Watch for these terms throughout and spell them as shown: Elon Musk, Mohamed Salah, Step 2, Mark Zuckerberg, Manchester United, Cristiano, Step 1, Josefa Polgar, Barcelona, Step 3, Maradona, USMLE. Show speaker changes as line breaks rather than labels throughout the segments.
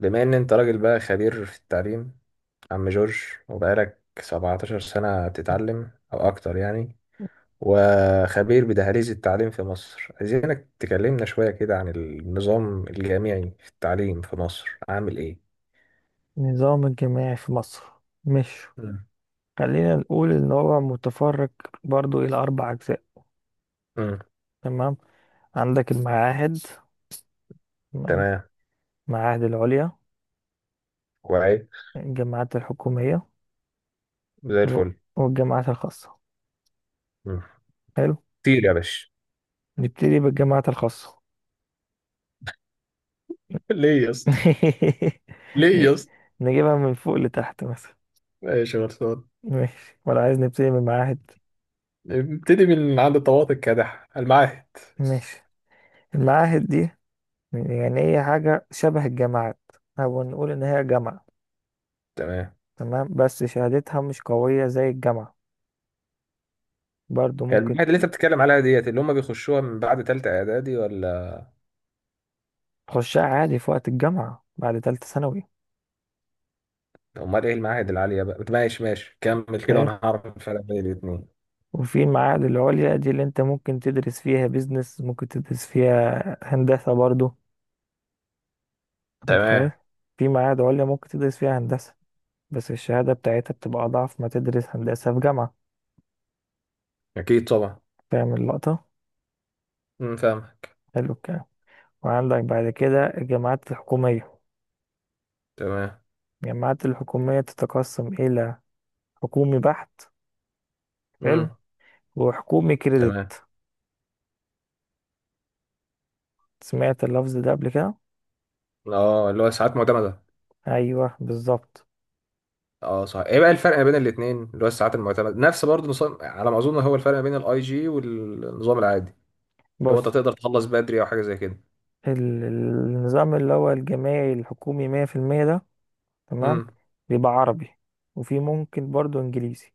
بما ان انت راجل بقى خبير في التعليم، عم جورج، وبقالك 17 سنة بتتعلم او اكتر يعني، وخبير بدهاليز التعليم في مصر. عايزينك تكلمنا شوية كده عن النظام الجامعي في التعليم في مصر عامل ايه؟
النظام الجماعي في مصر. مش
مم.
خلينا نقول ان هو متفرق برضو الى اربع اجزاء.
امم.
تمام، عندك المعاهد، تمام،
تمام.
المعاهد العليا،
كويس.
الجامعات الحكومية
زي
و-
الفل.
والجامعات الخاصة.
مم.
حلو،
طير يا باشا.
نبتدي بالجامعات الخاصة.
ليه يا اسطى؟ ليه
نج-
يا اسطى؟
نجيبها من فوق لتحت مثلا.
ماشي يا غلطان.
ماشي ولا عايز نبتدي من المعاهد؟
ابتدي من عند الطواقي الكادح المعاهد.
ماشي. المعاهد دي يعني هي حاجة شبه الجامعات، أو نقول إن هي جامعة،
تمام.
تمام، بس شهادتها مش قوية زي الجامعة. برضو
هي
ممكن
المعاهد اللي انت بتتكلم عليها ديت اللي هم بيخشوها من بعد تالتة اعدادي ولا؟
تخشها عادي في وقت الجامعة بعد تالتة ثانوي.
امال ايه المعاهد العاليه بقى؟ ماشي ماشي، كمل كده
حلو،
وانا هعرف الفرق بين الاثنين.
وفي المعاهد العليا دي اللي انت ممكن تدرس فيها بيزنس، ممكن تدرس فيها هندسة برضو. متخيل؟
تمام.
في معاهد عليا ممكن تدرس فيها هندسة، بس الشهادة بتاعتها بتبقى أضعف ما تدرس هندسة في جامعة.
اكيد طبعا.
فاهم اللقطة؟
امم، فاهمك.
حلو الكلام. وعندك بعد كده الجامعات الحكومية.
تمام.
الجامعات الحكومية تتقسم إلى حكومي بحت، حلو،
امم.
وحكومي
تمام.
كريدت. سمعت اللفظ ده قبل كده؟
اه، اللي هو الساعات المعتمده.
أيوه بالظبط.
اه صح، ايه بقى الفرق ما بين الاثنين؟ اللي هو الساعات المعتمده نفس برضه نظام على ما اظن. هو الفرق ما بين الاي جي والنظام العادي، اللي هو انت
بص،
تقدر تخلص بدري او حاجه زي كده.
النظام اللي هو الجامعي الحكومي مية في المية ده، تمام،
امم.
بيبقى عربي وفي ممكن برضه إنجليزي.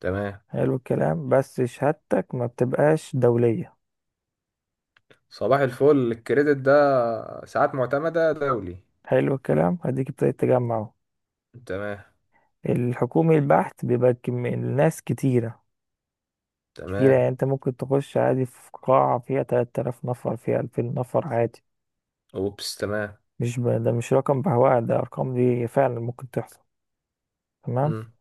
تمام.
حلو الكلام، بس شهادتك ما بتبقاش دولية.
صباح الفل، الكريدت ده ساعات معتمده دولي.
حلو الكلام، هديك ابتديت تجمع اهو.
تمام.
الحكومي البحت بيبقى الناس كتيرة. كتيرة
تمام.
يعني انت ممكن تخش عادي في قاعة فيها 3000 نفر، فيها 2000 نفر، عادي.
اوبس، تمام.
مش ب... ده مش رقم بهواء، ده ارقام دي فعلا ممكن تحصل. تمام.
امم،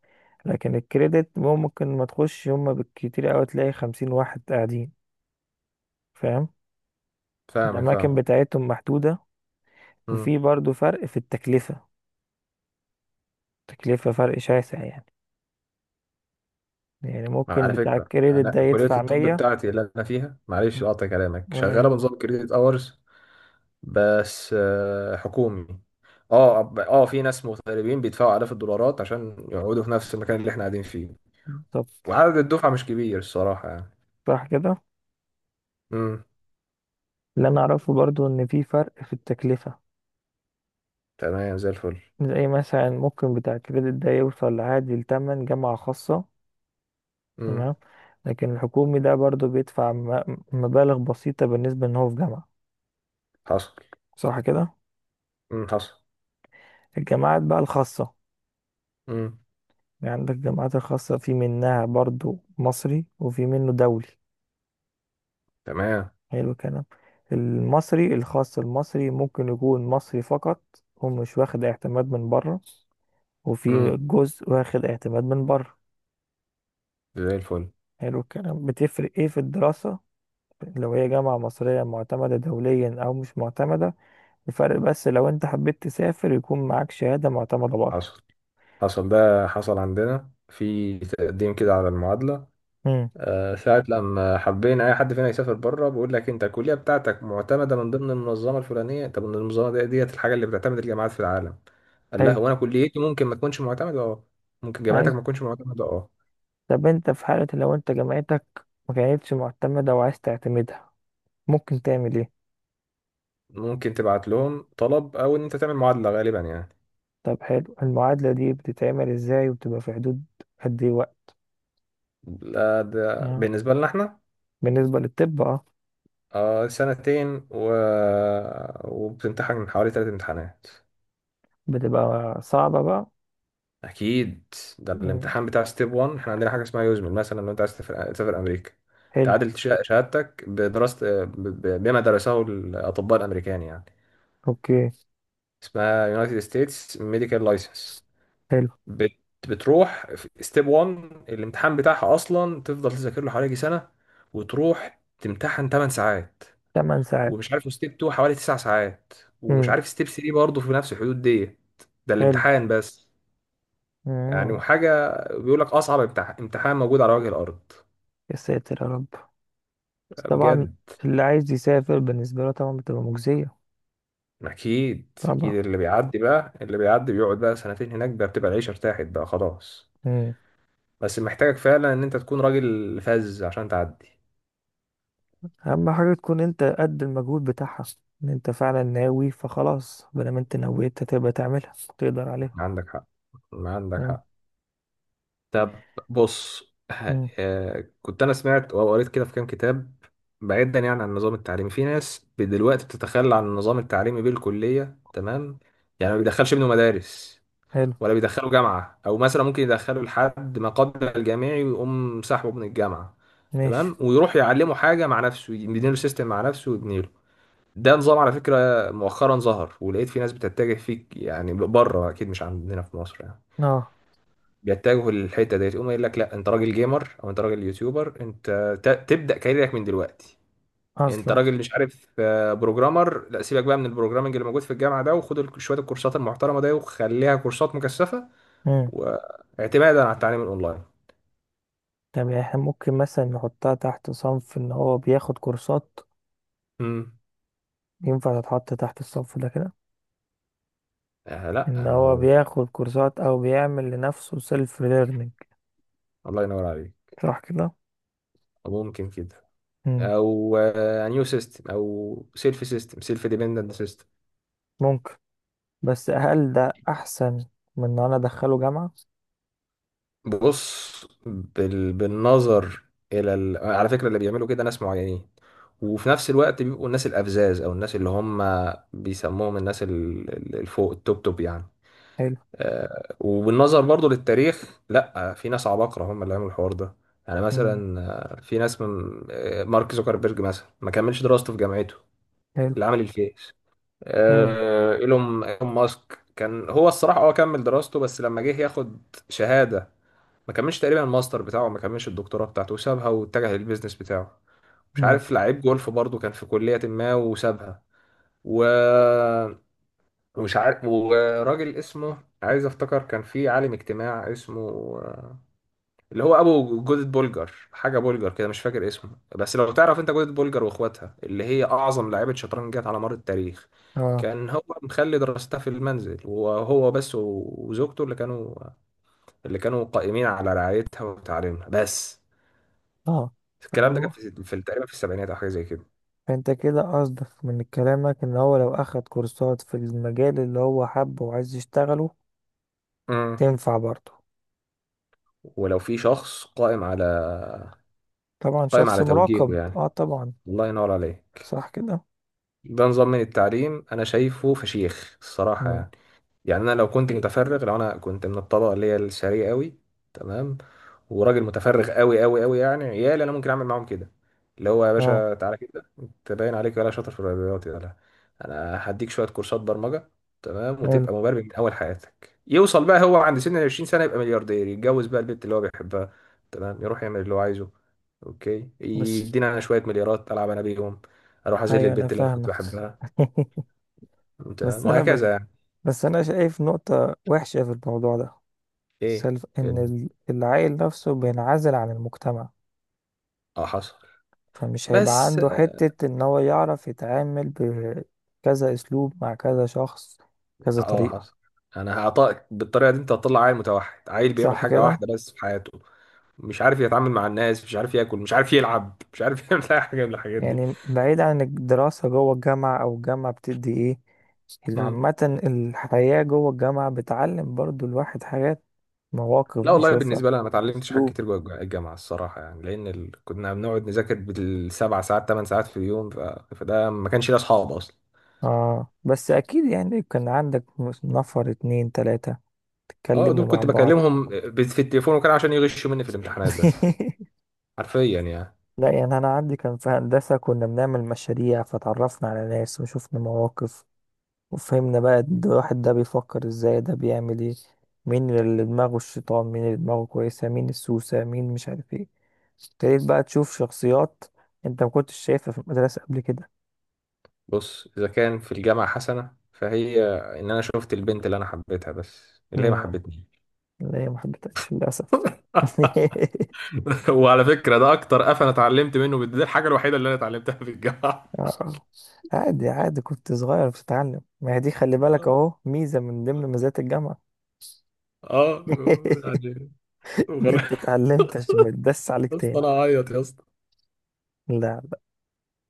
لكن الكريدت ممكن ما تخش، هما بالكتير اوي تلاقي 50 واحد قاعدين. فاهم؟
فاهمك، فاهم.
الاماكن بتاعتهم محدودة، وفي برضو فرق في التكلفة. تكلفة فرق شاسع يعني. يعني
ما
ممكن
على
بتاع
فكرة،
الكريدت
أنا
ده
كلية
يدفع
الطب
100.
بتاعتي اللي أنا فيها، معلش أقطع كلامك،
ولا
شغالة
يهمك.
بنظام كريديت أورز، بس حكومي. اه، في ناس مغتربين بيدفعوا آلاف الدولارات عشان يقعدوا في نفس المكان اللي احنا قاعدين فيه.
بالظبط،
وعدد الدفعة مش كبير الصراحة يعني.
صح كده.
امم.
اللي انا اعرفه برضو ان في فرق في التكلفة.
تمام، زي الفل.
زي مثلا ممكن بتاع الكريدت ده يوصل عادي لتمن جامعة خاصة،
امم،
تمام، لكن الحكومي ده برضو بيدفع مبالغ بسيطة بالنسبة ان هو في جامعة.
حصل.
صح كده.
امم، حصل.
الجامعات بقى الخاصة.
امم.
يعني عندك الجامعات الخاصة في منها برضو مصري وفي منه دولي.
تمام.
حلو الكلام. المصري الخاص، المصري ممكن يكون مصري فقط ومش واخد اعتماد من بره، وفي
امم.
جزء واخد اعتماد من بره.
زي الفل.
حلو الكلام، بتفرق ايه في الدراسة لو هي جامعة مصرية معتمدة دوليا أو مش معتمدة؟ الفرق بس لو أنت حبيت تسافر يكون معاك شهادة معتمدة بره.
حصل، حصل، ده حصل عندنا في تقديم كده على المعادلة.
امم.
ساعة لما حبينا أي حد فينا يسافر بره بيقول لك أنت الكلية بتاعتك معتمدة من ضمن المنظمة الفلانية. طب المنظمة دي ديت الحاجة اللي بتعتمد الجامعات في العالم. قال لها
حلو.
هو أنا كليتي ممكن ما تكونش معتمدة؟ أه. ممكن جامعتك ما
أيوة.
تكونش معتمدة؟ أه.
طب أنت في حالة لو أنت جامعتك ما كانتش معتمدة وعايز تعتمدها، ممكن تعمل إيه؟
ممكن تبعت لهم طلب أو إن أنت تعمل معادلة غالبا يعني.
طب حلو، المعادلة دي بتتعمل إزاي وبتبقى في حدود قد إيه وقت؟
لا، ده
آه.
بالنسبة لنا إحنا.
بالنسبة للطب اه.
سنتين وبتمتحن حوالي ثلاث امتحانات.
بتبقى صعبة بقى.
اكيد. ده
مم.
الامتحان بتاع ستيب 1. احنا عندنا حاجه اسمها يوزمل، مثلا لو انت عايز تسافر، تسافر امريكا،
حلو.
تعادل شهادتك بدراسه بما درسه الاطباء الامريكان يعني.
اوكي.
اسمها يونايتد ستيتس ميديكال لايسنس.
حلو.
بتروح في ستيب 1، الامتحان بتاعها اصلا تفضل تذاكر له حوالي يجي سنه. وتروح تمتحن 8 ساعات.
تمن ساعات.
ومش عارف، ستيب 2 حوالي 9 ساعات. ومش
مم.
عارف، ستيب 3 برضه في نفس الحدود دي. ده
حلو.
الامتحان بس. يعني
مم.
وحاجة، بيقول لك أصعب امتحان موجود على وجه الأرض.
يا ساتر يا رب، بس
لا،
طبعا
بجد.
اللي عايز يسافر بالنسبة له طبعا بتبقى مجزية.
أكيد
طبعا.
أكيد، اللي بيعدي بقى، اللي بيعدي بيقعد بقى سنتين هناك بقى، بتبقى العيشة ارتاحت بقى خلاص.
مم.
بس محتاجك فعلا إن أنت تكون راجل فذ عشان تعدي.
أهم حاجة تكون انت قد المجهود بتاعها، ان انت فعلا ناوي فخلاص، بدل ما انت نويت هتبقى تعملها تقدر عليها.
عندك حق. عندك
مم.
حق. طب. بص
مم.
كنت أنا سمعت أو قريت كده في كام كتاب. بعيدا يعني عن النظام التعليمي، في ناس دلوقتي بتتخلى عن النظام التعليمي بالكلية، تمام. يعني ما بيدخلش ابنه مدارس،
حلو.
ولا بيدخله جامعة، أو مثلا ممكن يدخله لحد ما قبل الجامعي ويقوم سحبه من الجامعة،
ماشي.
تمام. ويروح يعلمه حاجة مع نفسه، يبني له سيستم مع نفسه ويبني له. ده نظام على فكرة مؤخرا ظهر، ولقيت في ناس بتتجه فيك يعني، بره أكيد، مش عندنا في مصر يعني.
اه.
بيتجهوا للحتة ديت، يقوم يقول لك لا أنت راجل جيمر، أو أنت راجل يوتيوبر، أنت تبدأ كاريرك من دلوقتي. انت
اصلا.
راجل مش عارف، بروجرامر، لا سيبك بقى من البروجرامنج اللي موجود في الجامعه ده، وخد شويه الكورسات المحترمه ده وخليها كورسات مكثفه.
مم.
واعتمادا على التعليم الاونلاين.
طب يعني احنا ممكن مثلا نحطها تحت صنف ان هو بياخد كورسات؟
امم.
ينفع تتحط تحت الصف ده كده؟
آه،
ان
لا ما
هو
هو.
بياخد كورسات او بيعمل لنفسه سيلف ليرنينج.
الله ينور عليك.
صح كده.
ممكن كده.
مم.
او نيو سيستم، او سيلف سيستم، سيلف ديبندنت سيستم.
ممكن. بس هل ده احسن من ان انا ادخله جامعة؟
بص بالنظر على فكره اللي بيعملوا كده ناس معينين، وفي نفس الوقت بيبقوا الناس الافذاذ، او الناس اللي هم بيسموهم الناس الفوق، التوب توب يعني.
حلو.
وبالنظر برضو للتاريخ، لا في ناس عباقرة هم اللي عملوا الحوار ده. يعني
مم.
مثلا في ناس من، مارك زوكربيرج مثلا ما كملش دراسته في جامعته،
حلو.
اللي عمل الفيس.
مم.
آه، ايلون إيلون ماسك كان هو الصراحة هو كمل دراسته بس لما جه ياخد شهادة، ما كملش تقريبا الماستر بتاعه، ما كملش الدكتوراه بتاعته وسابها واتجه للبيزنس بتاعه. مش
مم.
عارف لعيب جولف برضو كان في كلية ما وسابها. و ومش عارف، وراجل اسمه، عايز افتكر كان في عالم اجتماع اسمه آه، اللي هو ابو جوزة بولجر، حاجه بولجر كده مش فاكر اسمه. بس لو تعرف انت جوزة بولجر واخواتها اللي هي اعظم لاعيبه شطرنج جت على مر التاريخ.
اه.
كان هو مخلي دراستها في المنزل، وهو بس وزوجته اللي كانوا، اللي كانوا قائمين على رعايتها وتعليمها بس.
اه.
الكلام ده كان
الم-
في تقريبا في السبعينات او حاجه زي كده.
فانت كده قصدك من كلامك ان هو لو اخد كورسات في المجال اللي هو حبه وعايز يشتغله،
امم.
تنفع برضه؟
ولو في شخص قائم على،
طبعا
قائم
شخص
على توجيهه
مراقب، اه
يعني.
طبعا.
الله ينور عليه.
صح كده.
ده نظام من التعليم انا شايفه فشيخ الصراحه
مم.
يعني. يعني انا لو كنت متفرغ، لو انا كنت من الطبقه اللي هي الثريه قوي، تمام، وراجل متفرغ قوي قوي قوي يعني، عيالي انا ممكن اعمل معاهم كده. اللي هو يا
اه.
باشا تعالى كده انت باين عليك ولا شاطر في الرياضيات يا لا. انا هديك شويه كورسات برمجه، تمام،
حلو.
وتبقى مبرمج من اول حياتك. يوصل بقى هو عند سن ال 20 سنه، يبقى ملياردير، يتجوز بقى البنت اللي هو بيحبها، تمام. يروح يعمل اللي هو عايزه. اوكي،
بس
يدينا انا شويه مليارات العب انا بيهم. اروح اذل
ايوه انا
البت اللي انا كنت
فاهمك.
بحبها،
بس
تمام،
انا بت...
وهكذا يعني.
بس انا شايف نقطة وحشة في الموضوع ده.
ايه؟
سلف ان
ال-
العيل نفسه بينعزل عن المجتمع،
اه حصل.
فمش هيبقى
بس
عنده
اه،
حتة ان هو يعرف يتعامل بكذا اسلوب مع كذا شخص، كذا طريقة.
حصل. انا هعطاك بالطريقه دي، انت هتطلع عيل متوحد، عيل بيعمل
صح
حاجه
كده.
واحده بس في حياته. مش عارف يتعامل مع الناس، مش عارف ياكل، مش عارف يلعب، مش عارف يعمل اي حاجه من الحاجات دي.
يعني بعيد عن الدراسة جوه الجامعة، او الجامعة بتدي ايه اللي
مم.
عامة؟ الحياة جوه الجامعة بتعلم برضو الواحد حاجات، مواقف
لا والله،
بيشوفها،
بالنسبه لي انا ما اتعلمتش حاجات
اسلوب.
كتير جوه الجامعه الصراحه يعني، لان كنا بنقعد نذاكر بالسبع ساعات ثمان ساعات في اليوم، فده ما كانش ليه اصحاب اصلا.
اه بس اكيد يعني كان عندك نفر اتنين تلاتة
اه، دول
تتكلموا مع
كنت
بعض.
بكلمهم في التليفون، وكان عشان يغشوا مني في الامتحانات بس. حرفيا يعني.
لا يعني انا عندي كان في هندسة كنا بنعمل مشاريع فتعرفنا على ناس وشفنا مواقف، وفهمنا بقى ده الواحد ده بيفكر ازاي، ده بيعمل ايه، مين اللي دماغه الشيطان، مين اللي دماغه كويسة، مين السوسة، مين مش عارف ايه. ابتديت بقى تشوف شخصيات انت ما كنتش شايفها في المدرسة قبل كده.
بص، إذا كان في الجامعة حسنة فهي إن أنا شفت البنت اللي أنا حبيتها، بس اللي هي ما
مم.
حبتني.
لا ما حبيتهاش للأسف.
وعلى فكرة، ده أكتر قفا أنا اتعلمت منه، دي الحاجة الوحيدة اللي أنا اتعلمتها في الجامعة.
آه. عادي عادي، كنت صغير بتتعلم، ما هي دي خلي بالك
آه.
اهو ميزة من ضمن مزايا الجامعة.
آه، يعني
ان
وغل...
انت اتعلمت عشان ما تدس عليك
يا اسطى
تاني.
أنا أعيط يا اسطى.
لا. لا.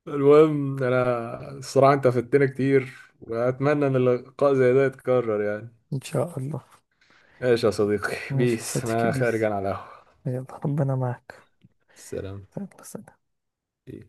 المهم أنا الصراحة أنت فدتنا كتير. وأتمنى إن اللقاء زي ده يتكرر يعني.
ان شاء الله.
ماشي يا صديقي
ماشي يا
بيس،
صديقي،
أنا خارج
بيس.
أنا على القهوة.
يلا ربنا معك.
سلام.
يلا سلام.
بيس.